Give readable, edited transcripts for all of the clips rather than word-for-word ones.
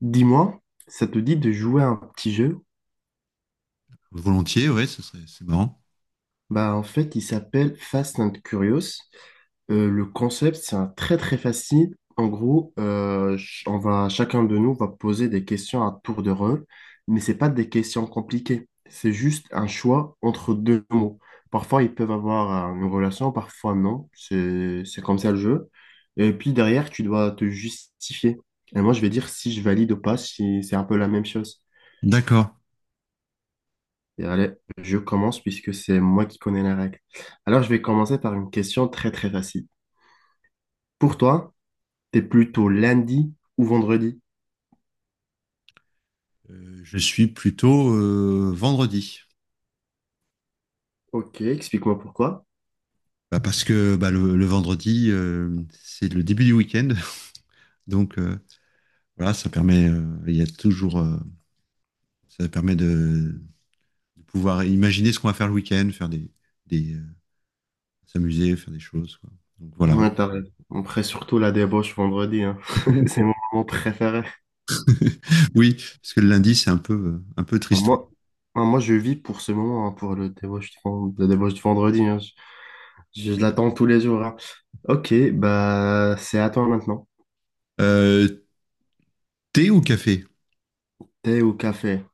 Dis-moi, ça te dit de jouer à un petit jeu? Volontiers, ouais, ce serait, c'est marrant. Il s'appelle Fast and Curious. Le concept, c'est un très très facile. En gros, ch- on va Chacun de nous va poser des questions à tour de rôle, mais c'est pas des questions compliquées. C'est juste un choix entre deux mots. Parfois, ils peuvent avoir une relation, parfois non. C'est comme ça le jeu. Et puis derrière, tu dois te justifier. Et moi, je vais dire si je valide ou pas, si c'est un peu la même chose. D'accord. Et allez, je commence puisque c'est moi qui connais la règle. Alors, je vais commencer par une question très très facile. Pour toi, t'es plutôt lundi ou vendredi? Je suis plutôt vendredi. Ok, explique-moi pourquoi. Bah, parce que bah, le vendredi, c'est le début du week-end. Donc voilà, ça permet, il y a toujours, ça permet de pouvoir imaginer ce qu'on va faire le week-end, faire des, des, euh, s'amuser, faire des choses, quoi. Donc voilà. Ouais, t'as raison. Après, surtout la débauche vendredi, hein. C'est mon moment préféré. Oui, parce que le lundi, c'est un peu Enfin, tristou. Moi, moi, je vis pour ce moment, hein, pour le débauche de, la débauche de vendredi, hein. Je l'attends tous les jours, hein. Ok, bah c'est à toi maintenant. Euh, thé ou café? Thé ou café?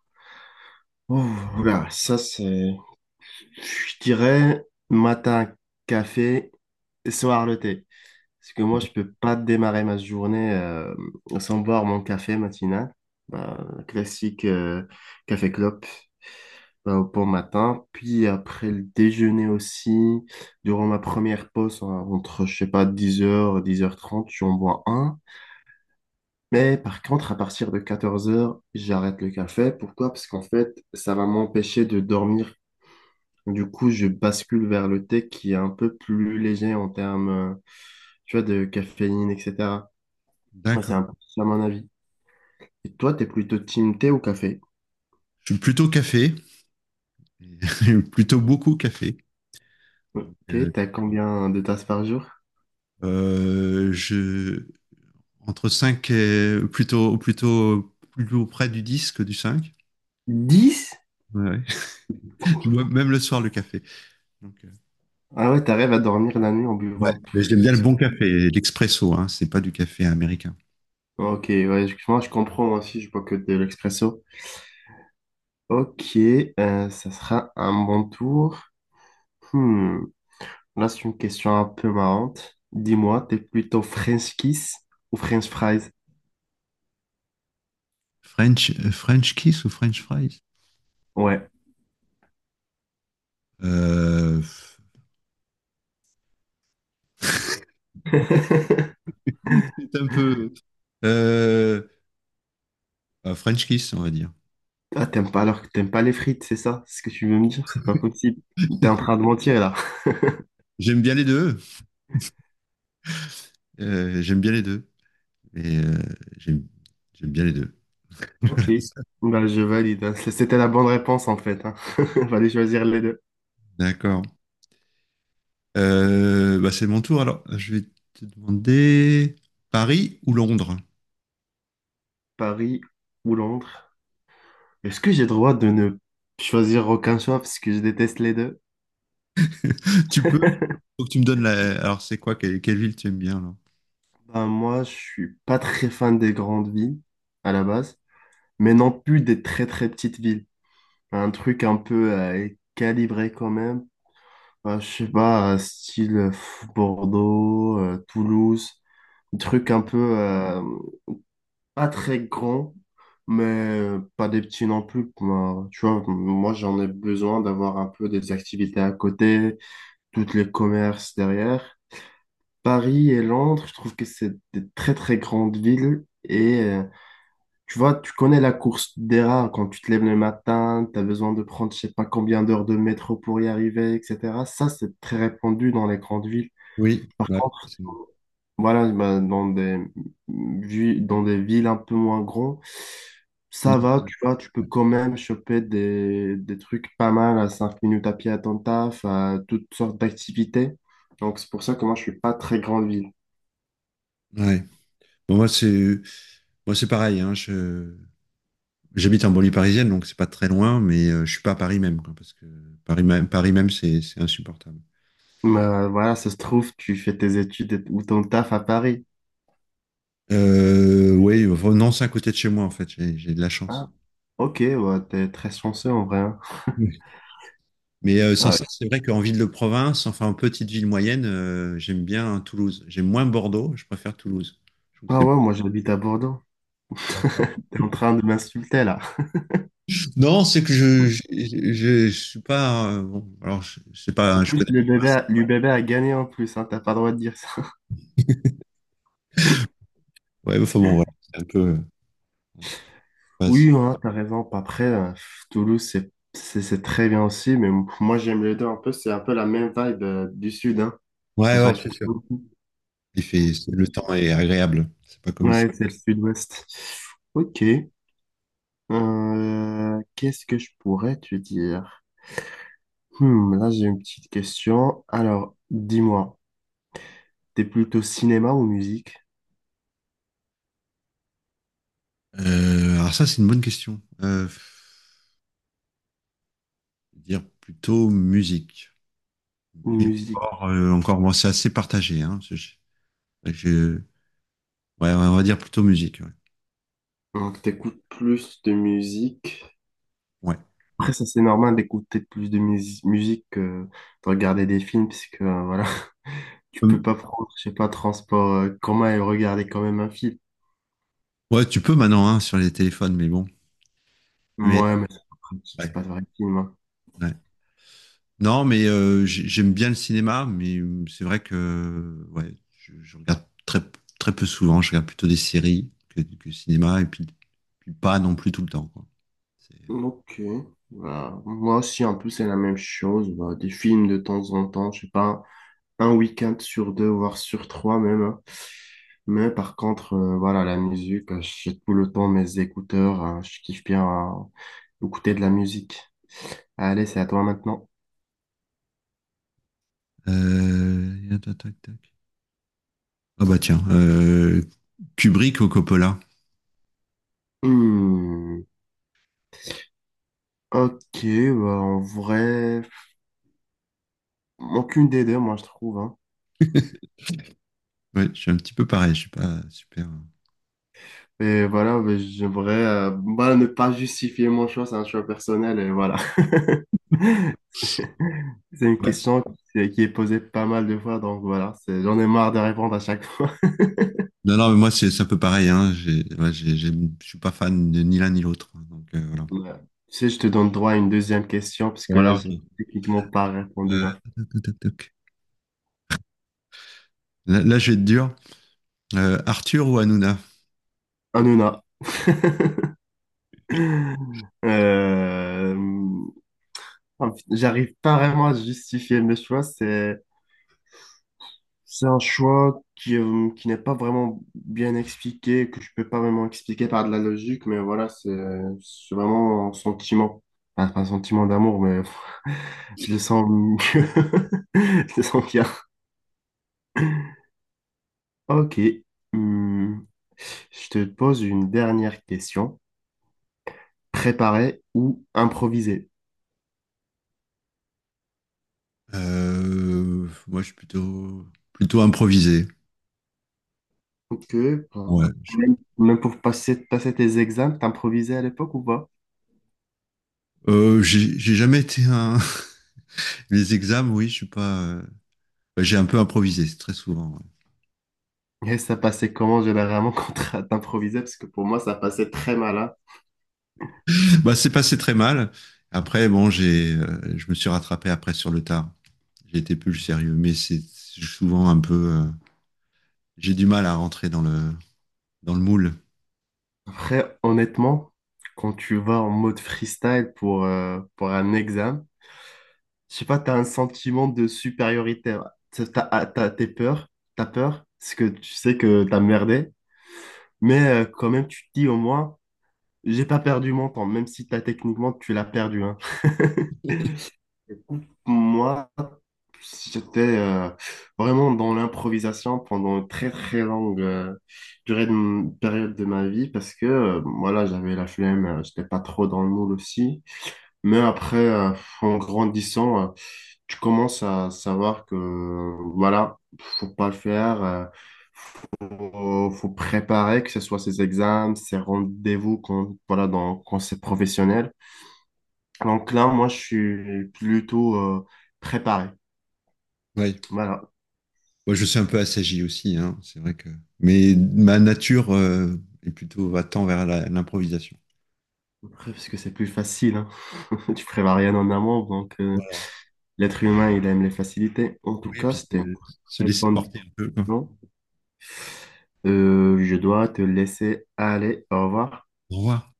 Oh, là, ça c'est. Je dirais matin café, soir le thé. Parce que moi, je peux pas démarrer ma journée sans boire mon café matinal. Bah, classique café clope bah, au bon matin. Puis après le déjeuner aussi, durant ma première pause, hein, entre, je sais pas, 10h, 10h30, j'en bois un. Mais par contre, à partir de 14h, j'arrête le café. Pourquoi? Parce qu'en fait, ça va m'empêcher de dormir, du coup, je bascule vers le thé qui est un peu plus léger en termes, tu vois, de caféine, etc. Ouais, c'est D'accord. un peu ça mon avis. Et toi, t'es plutôt team thé ou café? Je suis plutôt café, plutôt beaucoup café. Euh, Ok, t'as combien de tasses par jour? Euh, je, Entre 5 et plutôt plus près du 10 que du 5. Dix? Ouais. Je bois même le soir le café. Donc, euh, Ah ouais, t'arrives à dormir la nuit en ouais, buvant mais j'aime bien le ce bon que- café, l'expresso, hein, c'est pas du café américain. Ok, ouais, moi je comprends, moi aussi, je bois que de l'expresso. Ok, ça sera un bon tour. Hmm, là, c'est une question un peu marrante. Dis-moi, t'es plutôt French kiss ou French fries? French kiss ou French fries. Ouais. euh, C'est un peu. Euh, un French kiss, on va dire. Ah, t'aimes pas alors que t'aimes pas les frites, c'est ça? C'est ce que tu veux me dire? C'est pas possible. T'es en train de mentir là. J'aime bien les deux. J'aime bien les deux. Et j'aime j'aime bien les deux. Ok. Bah, je valide. C'était la bonne réponse en fait, hein. Fallait choisir les deux. D'accord. C'est mon tour alors. Je vais te demander Paris ou Londres. Paris ou Londres. Est-ce que j'ai le droit de ne choisir aucun choix parce que je déteste les deux? Tu peux, faut que tu me donnes la. Alors c'est quoi, quelle ville tu aimes bien là? Bah, moi, je suis pas très fan des grandes villes à la base, mais non plus des très très petites villes. Un truc un peu calibré quand même. Bah, je sais pas, style Bordeaux, Toulouse. Truc un peu pas très grand, mais pas des petits non plus. Moi, tu vois, moi j'en ai besoin d'avoir un peu des activités à côté, toutes les commerces derrière. Paris et Londres, je trouve que c'est des très très grandes villes. Et tu vois, tu connais la course des rats quand tu te lèves le matin, tu as besoin de prendre je sais pas combien d'heures de métro pour y arriver, etc. Ça, c'est très répandu dans les grandes villes. Oui, Par ouais, contre, c'est- voilà, bah, dans des villes un peu moins grandes, ça va, tu vois, tu peux quand même choper des trucs pas mal à 5 minutes à pied à ton taf, à toutes sortes d'activités. Donc, c'est pour ça que moi, je suis pas très grande ville. ouais. Bon, moi c'est pareil, hein, je- J'habite en banlieue parisienne, donc c'est pas très loin, mais je suis pas à Paris même, quoi, parce que Paris même c'est insupportable. Mais voilà, ça se trouve, tu fais tes ou ton taf à Paris. Oui, enfin, Nantes c'est à côté de chez moi en fait. J'ai de la chance. Ah, ok, ouais, t'es très chanceux en vrai, hein. Mais sans Ouais. ça, c'est vrai qu'en ville de province, enfin en petite ville moyenne, j'aime bien Toulouse. J'aime moins Bordeaux, je préfère Toulouse. Je trouve que Ah c'est- ouais, moi, j'habite à Bordeaux. T'es en train de m'insulter là. Non, c'est que je suis pas. Bon, alors, je sais pas, En hein, je plus, connais pas. Le bébé a gagné en plus, hein, t'as pas le droit de dire ça. Ouais, enfin bon, voilà, c'est un peu. Ouais, c'est- Oui, hein, t'as raison. Après, Toulouse, c'est très bien aussi, mais moi, j'aime les deux un peu. C'est un peu la même vibe du sud, hein. ouais, Ça ouais, change c'est pas sûr. beaucoup. Il fait, c'est- le temps est agréable. C'est pas comme ici. Ouais, c'est le sud-ouest. Ok. Qu'est-ce que je pourrais te dire? Hmm, là, j'ai une petite question. Alors, dis-moi, t'es plutôt cinéma ou musique? Alors ça, c'est une bonne question. Je vais dire plutôt musique. Et Musique. encore, euh, encore, bon, c'est assez partagé. Hein, ce- je- ouais, on va dire plutôt musique. Ouais. Donc, t'écoutes plus de musique. Ouais. Après, ça, c'est normal d'écouter plus de musique que de regarder des films, puisque, voilà. Tu peux Hum, pas prendre, je sais pas, transport commun et regarder quand même un film. ouais, tu peux maintenant hein, sur les téléphones, mais bon. Mais Moi, mais c'est pas pratique, euh, c'est ouais, pas vrai film, hein. ouais. Non, mais j'ai- j'aime bien le cinéma, mais c'est vrai que ouais, je regarde très peu souvent. Je regarde plutôt des séries que le cinéma, et puis, puis pas non plus tout le temps, quoi. C'est- Ok. Voilà. Moi aussi, un peu, c'est la même chose. Bah, des films de temps en temps, je sais pas, un week-end sur deux, voire sur trois même, hein. Mais par contre, voilà, la musique, j'ai tout le temps mes écouteurs, je kiffe bien euh, écouter de la musique. Allez, c'est à toi maintenant. Tac, tac, tac. Ah bah tiens, Kubrick ou Coppola. Hmm. Ok, bah, en vrai, aucune des deux, moi, je trouve, hein. Ouais, je suis un petit peu pareil, je suis pas super. Et voilà, mais j'aimerais bah, ne pas justifier mon choix, c'est un choix personnel et voilà. C'est une Ouais. question qui est posée pas mal de fois, donc voilà, c'est, j'en ai marre de répondre à chaque fois. Non, non, mais moi c'est un peu pareil, hein. J'ai, ouais, j'ai- je suis pas fan de ni l'un ni l'autre, hein. Donc voilà. Ouais. Tu sais, je te donne droit à une deuxième question, puisque Bon là, alors, j'ai ok. techniquement pas Euh, répondu, hein. Toc, toc, toc. Là, je vais être dur. Arthur ou Hanouna? Hanouna. Euh, J'arrive pas vraiment à justifier mes choix, c'est un choix qui n'est pas vraiment bien expliqué, que je peux pas vraiment expliquer par de la logique, mais voilà, c'est vraiment un sentiment. Enfin, pas un sentiment d'amour, mais je le sens mieux. Je le sens bien. Ok. Hmm. Je te pose une dernière question. Préparer ou improviser? Moi, je suis plutôt improvisé. Ok, ben, Ouais, je- même pour passer, passer tes examens, t'improvisais à l'époque ou pas? J'ai jamais été un. Les examens, oui, je suis pas. Bah, j'ai un peu improvisé, c'est très souvent. Et ça passait comment généralement quand t'improvisais? Parce que pour moi, ça passait très mal. Ouais. Bah, c'est passé très mal. Après, bon, je me suis rattrapé après sur le tard. J'ai été plus sérieux, mais c'est souvent un peu. J'ai du mal à rentrer dans le moule. Après, honnêtement, quand tu vas en mode freestyle pour un examen, je sais pas, tu as un sentiment de supériorité. T'es peur, t'as peur, parce que tu sais que t'as merdé, mais quand même, tu te dis au moins, j'ai pas perdu mon temps, même si t'as techniquement, tu l'as perdu, hein. Moi, j'étais vraiment dans l'improvisation pendant une très très longue période de ma vie parce que voilà, j'avais la flemme, j'étais pas trop dans le moule aussi. Mais après, en grandissant, tu commences à savoir que, voilà, faut pas le faire. Faut préparer, que ce soit ses examens, ses rendez-vous, quand, voilà, quand c'est professionnel. Donc là, moi, je suis plutôt préparé. Ouais. Voilà, Moi, je suis un peu assagi aussi, hein, c'est vrai que. Mais ma nature est plutôt va tend vers la- l'improvisation. après, parce que c'est plus facile, hein. Tu prépares rien en amont, donc Voilà. l'être humain, il aime les facilités. En tout Oui, et cas, puis c'était une se très laisser bonne... porter un peu, quoi. Non? Je dois te laisser aller. Au revoir. Au revoir.